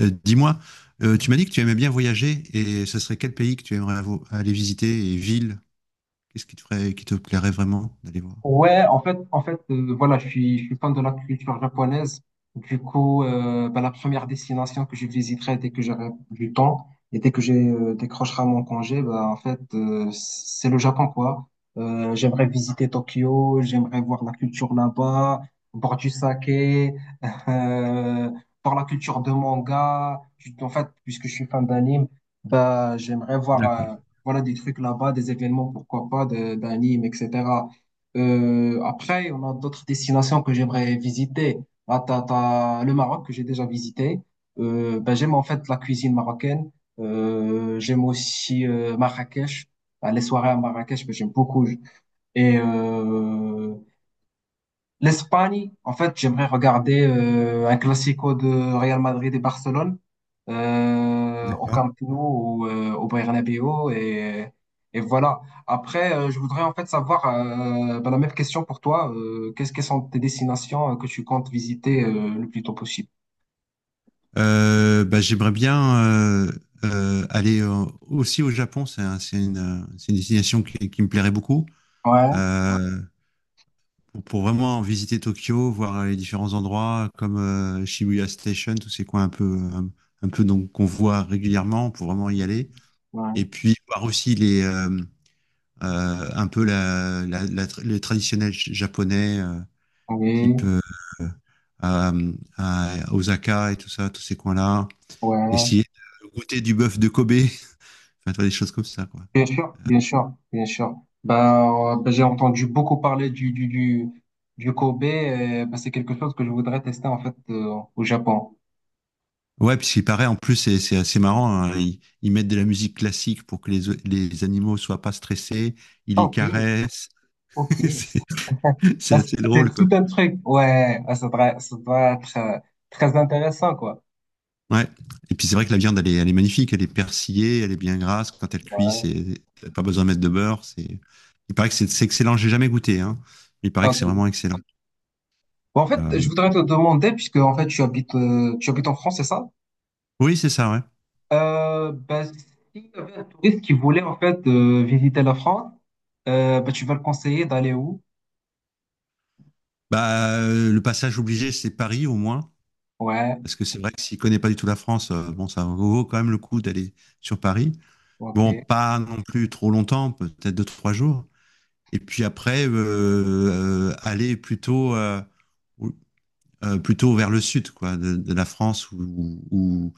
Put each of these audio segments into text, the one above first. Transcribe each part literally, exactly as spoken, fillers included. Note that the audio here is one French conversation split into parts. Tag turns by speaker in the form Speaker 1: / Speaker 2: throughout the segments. Speaker 1: Euh, Dis-moi, euh, tu m'as dit que tu aimais bien voyager et ce serait quel pays que tu aimerais avo- aller visiter et ville? Qu'est-ce qui te ferait, qui te plairait vraiment d'aller voir?
Speaker 2: Ouais, en fait, en fait, euh, voilà, je suis, je suis fan de la culture japonaise. Du coup, euh, bah, la première destination que je visiterai dès que j'aurai du temps et dès que j'ai euh, décrochera mon congé, bah, en fait, euh, c'est le Japon, quoi. Euh, j'aimerais visiter Tokyo, j'aimerais voir la culture là-bas, boire du saké, euh, voir la culture de manga. Je- En fait, puisque je suis fan d'anime, bah, j'aimerais voir,
Speaker 1: D'accord.
Speaker 2: euh, voilà, des trucs là-bas, des événements, pourquoi pas, de- d'anime, et cetera. Euh, après, on a d'autres destinations que j'aimerais visiter. Ah, t'as, t'as le Maroc que j'ai déjà visité. Euh, ben, j'aime en fait la cuisine marocaine. Euh, j'aime aussi euh, Marrakech. Ah, les soirées à Marrakech, ben, j'aime beaucoup. Et euh, l'Espagne, en fait, j'aimerais regarder euh, un classico de Real Madrid et Barcelone euh, au
Speaker 1: D'accord.
Speaker 2: Camp Nou ou euh, au Bernabéu, et, et voilà. Après, euh, je voudrais en fait savoir euh, ben, la même question pour toi. Euh, qu'est-ce que sont tes destinations euh, que tu comptes visiter euh, le plus tôt possible?
Speaker 1: Euh, bah, j'aimerais bien euh, euh, aller euh, aussi au Japon. C'est un- c'est une, euh, c'est une destination qui, qui me plairait beaucoup.
Speaker 2: Ouais,
Speaker 1: Euh, pour, pour vraiment visiter Tokyo, voir les différents endroits comme euh, Shibuya Station, tous ces coins un peu, euh, un, peu donc qu'on voit régulièrement pour vraiment y aller. Et
Speaker 2: ouais,
Speaker 1: puis voir aussi les, euh, euh, un peu la, la, la les traditionnels japonais, euh, type
Speaker 2: oui,
Speaker 1: euh, à, à Osaka et tout ça, tous ces coins-là.
Speaker 2: ouais.
Speaker 1: Essayer de goûter du bœuf de Kobe, enfin, tu vois, des choses comme ça, quoi.
Speaker 2: Bien sûr, bien sûr, bien sûr. Bah, euh, bah, j'ai entendu beaucoup parler du, du, du, du Kobe. Euh, bah, c'est quelque chose que je voudrais tester en fait euh, au Japon.
Speaker 1: Ouais, puisqu'il paraît, en plus, c'est c'est assez marrant, hein. Ils, ils mettent de la musique classique pour que les, les animaux soient pas stressés, ils
Speaker 2: Ah,
Speaker 1: les
Speaker 2: ok,
Speaker 1: caressent.
Speaker 2: ok.
Speaker 1: C'est c'est
Speaker 2: Ah,
Speaker 1: assez drôle,
Speaker 2: c'est
Speaker 1: quoi.
Speaker 2: tout un truc. Ouais, ah, ça doit, ça doit être euh, très intéressant, quoi.
Speaker 1: Ouais. Et puis c'est vrai que la viande, elle est, elle est magnifique, elle est persillée, elle est bien grasse. Quand elle cuit,
Speaker 2: Ouais.
Speaker 1: c'est t'as pas besoin de mettre de beurre. C'est, il paraît que c'est, c'est excellent. J'ai jamais goûté, hein. Il paraît que c'est
Speaker 2: Ok.
Speaker 1: vraiment excellent.
Speaker 2: Bon, en fait, je
Speaker 1: Euh,
Speaker 2: voudrais te demander, puisque en fait tu habites, euh, tu habites en France, c'est ça?
Speaker 1: Oui, c'est ça, ouais.
Speaker 2: Euh, bah, s'il y avait un touriste qui voulait en fait euh, visiter la France, euh, bah, tu vas le conseiller d'aller où?
Speaker 1: Bah, euh, le passage obligé, c'est Paris au moins,
Speaker 2: Ouais,
Speaker 1: parce que c'est vrai que s'il connaît pas du tout la France, euh, bon, ça vaut quand même le coup d'aller sur Paris. Bon,
Speaker 2: ok.
Speaker 1: pas non plus trop longtemps, peut-être deux trois jours. Et puis après, euh, euh, aller plutôt euh, euh, plutôt vers le sud quoi, de, de la France, ou, ou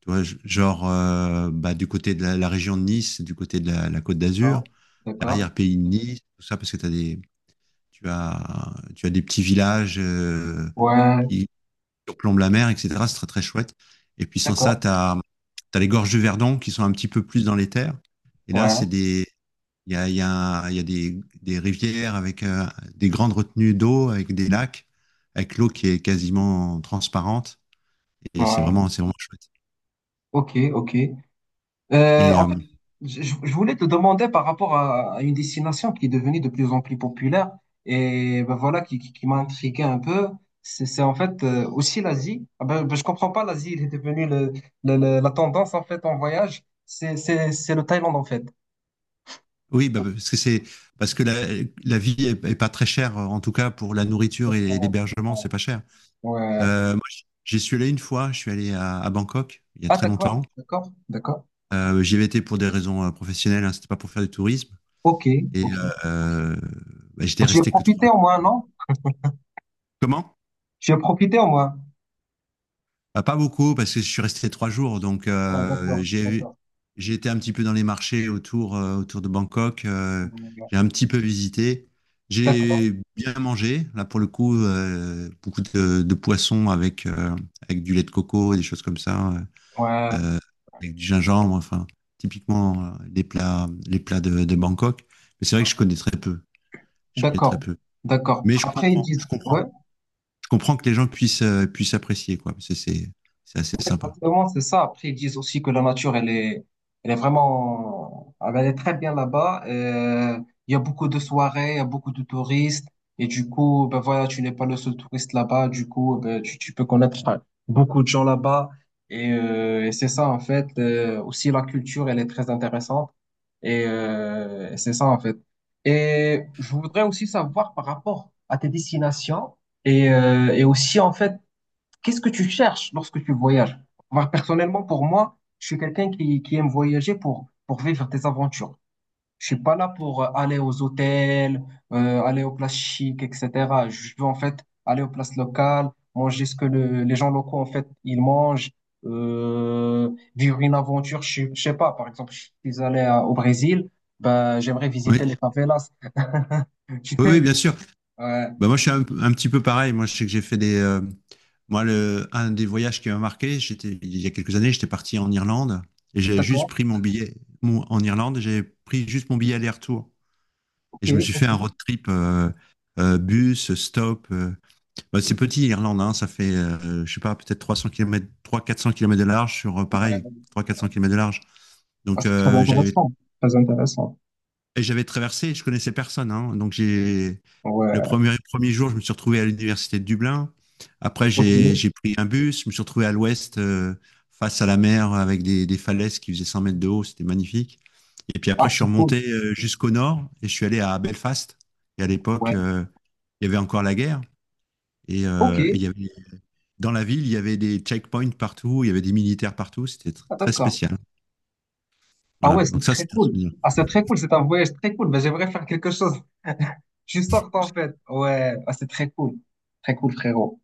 Speaker 1: tu vois, genre euh, bah, du côté de la, la région de Nice, du côté de la, la Côte d'Azur,
Speaker 2: D'accord, d'accord,
Speaker 1: l'arrière-pays de Nice, tout ça, parce que t'as des, tu, as, tu as des petits villages euh,
Speaker 2: ouais,
Speaker 1: qui surplombe la mer, et cetera. C'est très très chouette. Et puis sans ça,
Speaker 2: d'accord,
Speaker 1: tu as, les gorges du Verdon qui sont un petit peu plus dans les terres. Et là, c'est
Speaker 2: ouais,
Speaker 1: des, il y a, il y a, il y a des, des rivières avec euh, des grandes retenues d'eau, avec des lacs, avec l'eau qui est quasiment transparente. Et c'est vraiment,
Speaker 2: ouais,
Speaker 1: c'est vraiment chouette.
Speaker 2: ok, ok. Euh,
Speaker 1: Et euh,
Speaker 2: en fait, je, je- je voulais te demander par rapport à, à une destination qui est devenue de plus en plus populaire, et ben voilà qui, qui, qui m'a intrigué un peu. C'est c'est en fait euh, aussi l'Asie. Ah ben, ben, je comprends pas, l'Asie il est devenu le, le- le- la tendance en fait en voyage. C'est c'est- c'est le Thaïlande en fait.
Speaker 1: oui, bah, parce que c'est parce que la, la vie est, est pas très chère, en tout cas pour la nourriture et
Speaker 2: D'accord.
Speaker 1: l'hébergement, c'est pas cher.
Speaker 2: Ouais.
Speaker 1: Euh, moi, j'y suis allé une fois, je suis allé à, à Bangkok il y a
Speaker 2: Ah,
Speaker 1: très
Speaker 2: d'accord,
Speaker 1: longtemps.
Speaker 2: d'accord, d'accord.
Speaker 1: Euh, j'y avais été pour des raisons euh, professionnelles, hein, c'était pas pour faire du tourisme.
Speaker 2: Ok,
Speaker 1: Et
Speaker 2: ok.
Speaker 1: euh, euh, Bah, j'étais
Speaker 2: Ben, tu as
Speaker 1: resté que trois
Speaker 2: profité au
Speaker 1: jours.
Speaker 2: moins, non?
Speaker 1: Comment?
Speaker 2: Tu as profité au moins.
Speaker 1: Bah, pas beaucoup, parce que je suis resté trois jours. Donc,
Speaker 2: Ah,
Speaker 1: euh,
Speaker 2: d'accord,
Speaker 1: j'ai,
Speaker 2: d'accord.
Speaker 1: j'ai été un petit peu dans les marchés autour, euh, autour de Bangkok. Euh,
Speaker 2: Ouais,
Speaker 1: j'ai un petit peu visité.
Speaker 2: d'accord.
Speaker 1: J'ai bien mangé, là pour le coup, euh, beaucoup de, de poissons avec, euh, avec du lait de coco, des choses comme ça,
Speaker 2: Ouais.
Speaker 1: euh, avec du gingembre, enfin, typiquement euh, les plats, les plats de, de Bangkok. Mais c'est vrai que je
Speaker 2: Ouais.
Speaker 1: connais très peu. Je connais très
Speaker 2: D'accord,
Speaker 1: peu.
Speaker 2: d'accord.
Speaker 1: Mais je
Speaker 2: Après, ils
Speaker 1: comprends, je
Speaker 2: disent,
Speaker 1: comprends.
Speaker 2: ouais.
Speaker 1: Je comprends que les gens puissent, euh, puissent apprécier, quoi, parce que c'est, c'est assez
Speaker 2: Ouais,
Speaker 1: sympa.
Speaker 2: exactement, c'est ça. Après, ils disent aussi que la nature, elle est, elle est vraiment, elle est très bien là-bas. Euh, il y a beaucoup de soirées, il y a beaucoup de touristes. Et du coup, ben voilà, tu n'es pas le seul touriste là-bas. Du coup, ben, tu, tu peux connaître beaucoup de gens là-bas. Et, euh, et c'est ça, en fait. Euh, aussi, la culture, elle est très intéressante. Et euh, c'est ça, en fait. Et je voudrais aussi savoir par rapport à tes destinations et, euh, et aussi, en fait, qu'est-ce que tu cherches lorsque tu voyages? Moi, personnellement, pour moi, je suis quelqu'un qui, qui aime voyager pour, pour vivre des aventures. Je suis pas là pour euh, aller aux hôtels, euh, aller aux places chics, et cetera. Je veux en fait aller aux places locales, manger ce que le- les gens locaux, en fait, ils mangent, euh, vivre une aventure. Je, je sais pas, par exemple, je suis allé à- au Brésil, ben, j'aimerais
Speaker 1: Oui,
Speaker 2: visiter les favelas. Tu
Speaker 1: oui, oui,
Speaker 2: sais?
Speaker 1: bien sûr.
Speaker 2: Ouais,
Speaker 1: Bah, moi, je suis un, un petit peu pareil. Moi, je sais que j'ai fait des. Euh, moi, le, un des voyages qui m'a marqué, j'étais, il y a quelques années, j'étais parti en Irlande et j'avais juste
Speaker 2: d'accord,
Speaker 1: pris mon billet. Mon- en Irlande, j'avais pris juste mon billet aller-retour.
Speaker 2: ok,
Speaker 1: Et je me suis fait
Speaker 2: ok.
Speaker 1: un road trip, euh, euh, bus, stop. euh. Bah, c'est petit, l'Irlande, hein, ça fait, euh, je sais pas, peut-être trois cents kilomètres, trois quatre cents kilomètres de large sur, euh, pareil, trois quatre cents
Speaker 2: Ouais.
Speaker 1: kilomètres de large.
Speaker 2: Ah,
Speaker 1: Donc,
Speaker 2: c'est très
Speaker 1: euh, j'avais,
Speaker 2: intéressant, très intéressant.
Speaker 1: et j'avais traversé, je connaissais personne, hein. donc, j'ai. Le
Speaker 2: Ouais,
Speaker 1: premier, premier jour, je me suis retrouvé à l'université de Dublin. Après,
Speaker 2: ok.
Speaker 1: j'ai j'ai pris un bus, je me suis retrouvé à l'ouest, euh, face à la mer, avec des, des falaises qui faisaient cent mètres de haut, c'était magnifique. Et puis après,
Speaker 2: Ah,
Speaker 1: je suis
Speaker 2: c'est cool.
Speaker 1: remonté euh, jusqu'au nord et je suis allé à Belfast. Et à l'époque,
Speaker 2: Ouais,
Speaker 1: euh, il y avait encore la guerre. Et,
Speaker 2: ok.
Speaker 1: euh, et il y avait, dans la ville, il y avait des checkpoints partout, il y avait des militaires partout, c'était tr-
Speaker 2: Ah,
Speaker 1: très
Speaker 2: d'accord.
Speaker 1: spécial.
Speaker 2: Ah,
Speaker 1: Voilà,
Speaker 2: ouais,
Speaker 1: donc
Speaker 2: c'est
Speaker 1: ça, c'est
Speaker 2: très
Speaker 1: un
Speaker 2: cool.
Speaker 1: souvenir.
Speaker 2: Ah, c'est très cool, c'est un voyage très cool. Mais j'aimerais faire quelque chose. Je sorte en fait. Ouais, ah, c'est très cool. Très cool, frérot.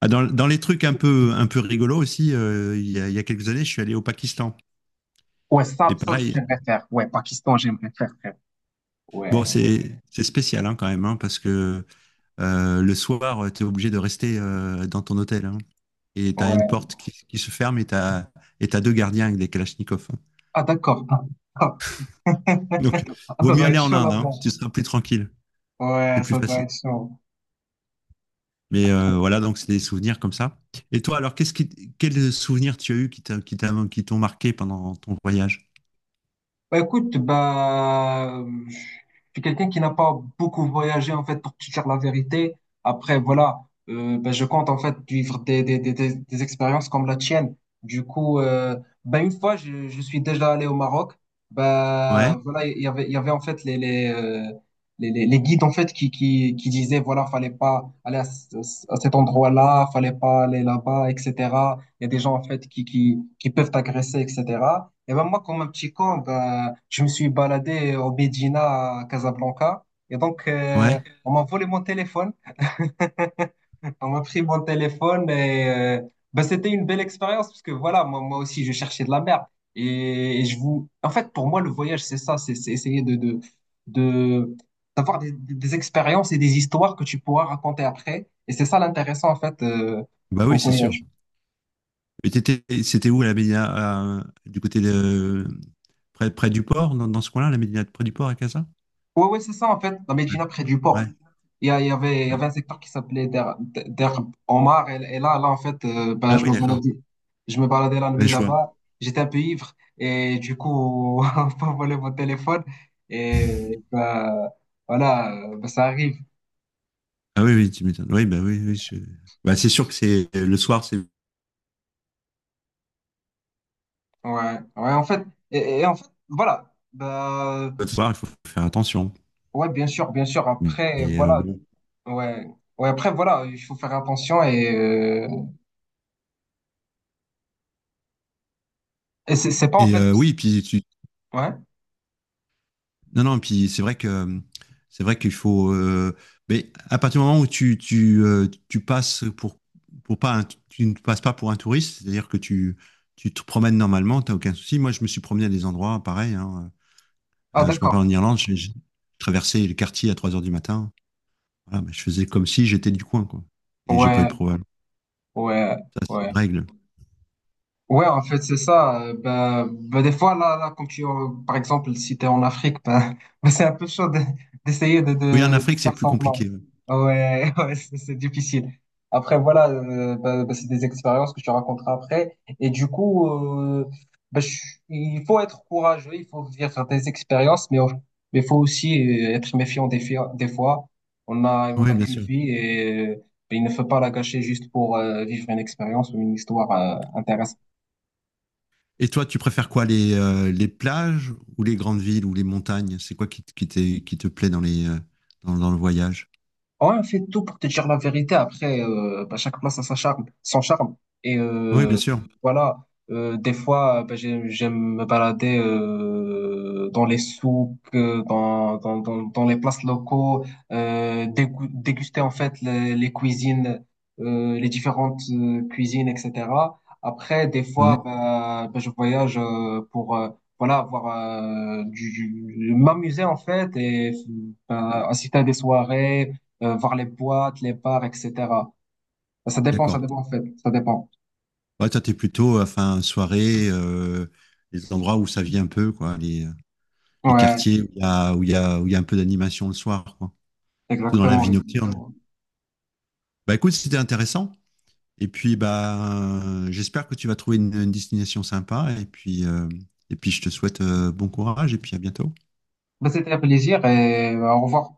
Speaker 1: Ah, dans, dans les trucs un peu, un peu rigolos aussi, euh, il y a, il y a quelques années, je suis allé au Pakistan.
Speaker 2: Ouais, ça,
Speaker 1: Et
Speaker 2: ça,
Speaker 1: pareil.
Speaker 2: j'aimerais faire. Ouais, Pakistan, j'aimerais faire, frérot. Ouais,
Speaker 1: Bon, c'est c'est spécial, hein, quand même, hein, parce que euh, le soir, tu es obligé de rester euh, dans ton hôtel, hein. Et tu as une
Speaker 2: ouais.
Speaker 1: porte qui, qui se ferme et tu as, et t'as deux gardiens avec des kalachnikovs, hein.
Speaker 2: Ah, d'accord. Ah, ah.
Speaker 1: Donc,
Speaker 2: Ah,
Speaker 1: vaut
Speaker 2: ça
Speaker 1: mieux
Speaker 2: doit être
Speaker 1: aller en
Speaker 2: chaud
Speaker 1: Inde, hein,
Speaker 2: là-bas.
Speaker 1: tu seras plus tranquille, c'est
Speaker 2: Ouais,
Speaker 1: plus
Speaker 2: ça doit
Speaker 1: facile.
Speaker 2: être chaud.
Speaker 1: Mais euh, voilà, donc c'est des souvenirs comme ça. Et toi, alors, qu'est-ce qui, quels souvenirs tu as eu qui t'a- qui t'a- qui t'ont marqué pendant ton voyage?
Speaker 2: Bah, écoute, bah, je suis quelqu'un qui n'a pas beaucoup voyagé, en fait, pour te dire la vérité. Après, voilà, euh, bah, je compte, en fait, vivre des, des, des, des- des expériences comme la tienne. Du coup, euh, bah, une fois, je, je suis déjà allé au Maroc.
Speaker 1: Ouais,
Speaker 2: Bah, voilà, il y avait, il y avait, en fait, les, les, euh, les, les les guides, en fait, qui, qui, qui disaient, voilà, fallait pas aller à, ce- à cet endroit-là, fallait pas aller là-bas, et cetera. Il y a des gens, en fait, qui, qui, qui peuvent t'agresser, et cetera. Et ben moi, comme un petit con, ben, je me suis baladé au Médina, à Casablanca. Et donc, euh,
Speaker 1: ouais.
Speaker 2: on m'a volé mon téléphone. On m'a pris mon téléphone et euh, ben, c'était une belle expérience parce que voilà, moi, moi aussi, je cherchais de la merde. Et, et je vous... En fait, pour moi, le voyage, c'est ça, c'est c'est essayer de, de, de, d'avoir des, des- des expériences et des histoires que tu pourras raconter après. Et c'est ça l'intéressant, en fait, euh,
Speaker 1: Bah
Speaker 2: au
Speaker 1: oui, c'est sûr.
Speaker 2: voyage.
Speaker 1: Et t'étais- C'était où la médina, euh, du côté de près, près du port, dans, dans ce coin-là, la médina près du port à Casa?
Speaker 2: Ouais, ouais, c'est ça, en fait, la Médina près du
Speaker 1: Ouais.
Speaker 2: port. Il y, a- il y avait, il y
Speaker 1: Ouais.
Speaker 2: avait un secteur qui s'appelait Der, Der Omar, et, et là, là, en fait, euh, ben,
Speaker 1: Ah
Speaker 2: je
Speaker 1: oui,
Speaker 2: me
Speaker 1: d'accord.
Speaker 2: baladais, je me baladais la
Speaker 1: Ouais,
Speaker 2: nuit
Speaker 1: je vois.
Speaker 2: là-bas, j'étais un peu ivre, et du coup, on peut voler mon téléphone, et ben, voilà, euh, ben, ça arrive.
Speaker 1: Ah, oui, oui, tu m'étonnes. Oui, bah oui, oui, je- bah, c'est sûr que c'est le soir, c'est
Speaker 2: Ouais, ouais, en fait, et, et en fait, voilà, ben,
Speaker 1: le soir, il faut faire attention.
Speaker 2: ouais, bien sûr, bien sûr, après,
Speaker 1: Et euh,
Speaker 2: voilà,
Speaker 1: bon.
Speaker 2: ouais, ouais, après, voilà, il faut faire attention, et, euh, et c'est c'est pas, en
Speaker 1: Et
Speaker 2: fait,
Speaker 1: euh, oui, puis tu,
Speaker 2: ouais,
Speaker 1: non, non, puis c'est vrai que c'est vrai qu'il faut. Euh, mais à partir du moment où tu, tu, euh, tu passes pour, pour pas un- tu ne passes pas pour un touriste, c'est-à-dire que tu, tu te promènes normalement, t'as aucun souci. Moi, je me suis promené à des endroits pareils, hein.
Speaker 2: ah,
Speaker 1: Euh, je m'en
Speaker 2: d'accord.
Speaker 1: parle en Irlande, j'ai j'ai traversé le quartier à trois heures du matin. Voilà, mais je faisais comme si j'étais du coin, quoi. Et j'ai pas eu de
Speaker 2: Ouais,
Speaker 1: problème.
Speaker 2: ouais,
Speaker 1: Ça, c'est une
Speaker 2: ouais.
Speaker 1: règle.
Speaker 2: Ouais, en fait, c'est ça. Euh, Bah, bah, des fois, là, là, quand tu, euh, par exemple, si t'es en Afrique, bah, bah, c'est un peu chaud de- d'essayer de,
Speaker 1: Oui, en
Speaker 2: de, de
Speaker 1: Afrique, c'est
Speaker 2: faire
Speaker 1: plus
Speaker 2: semblant.
Speaker 1: compliqué, ouais.
Speaker 2: Ouais, ouais, c'est c'est difficile. Après, voilà, euh, bah, bah, c'est des expériences que tu raconteras après. Et du coup, euh, bah, je- il faut être courageux, il faut vivre des expériences, mais on- mais il faut aussi euh, être méfiant des, fi- des fois. On a, on
Speaker 1: Oui,
Speaker 2: n'a
Speaker 1: bien
Speaker 2: qu'une
Speaker 1: sûr.
Speaker 2: vie et euh, il ne faut pas la gâcher juste pour euh, vivre une expérience ou une histoire euh, intéressante.
Speaker 1: Et toi, tu préfères quoi, les, euh, les plages ou les grandes villes ou les montagnes? C'est quoi qui, te- qui, t'est- qui te plaît dans les, euh, dans, dans le voyage?
Speaker 2: Ouais, on fait tout pour te dire la vérité. Après, euh, bah, chaque place a sa charme, son charme. Et
Speaker 1: Oui, bien
Speaker 2: euh,
Speaker 1: sûr.
Speaker 2: voilà. Euh, des fois, bah, j'ai- j'aime me balader euh, dans les souks, euh, dans, dans, dans, dans les places locaux, euh, dégou- déguster en fait les, les cuisines, euh, les différentes euh, cuisines, et cetera. Après, des fois,
Speaker 1: Mhm.
Speaker 2: bah, bah, je voyage euh, pour euh, voilà, avoir euh, du, du- m'amuser en fait et bah, assister à des soirées euh, voir les boîtes, les bars, et cetera. Ça dépend, ça
Speaker 1: D'accord.
Speaker 2: dépend en fait, ça dépend.
Speaker 1: Ouais, toi, t'es plutôt, enfin, soirée, euh, les endroits où ça vit un peu, quoi, les, euh, les
Speaker 2: Ouais,
Speaker 1: quartiers où il y a, où il y a, où il y a un peu d'animation le soir, quoi. Plutôt dans la
Speaker 2: exactement,
Speaker 1: vie nocturne.
Speaker 2: exactement.
Speaker 1: Bah, écoute, c'était intéressant. Et puis, bah, euh, j'espère que tu vas trouver une, une destination sympa. Et puis, euh, et puis, je te souhaite, euh, bon courage et puis à bientôt.
Speaker 2: Bah, c'était un plaisir et euh, au revoir.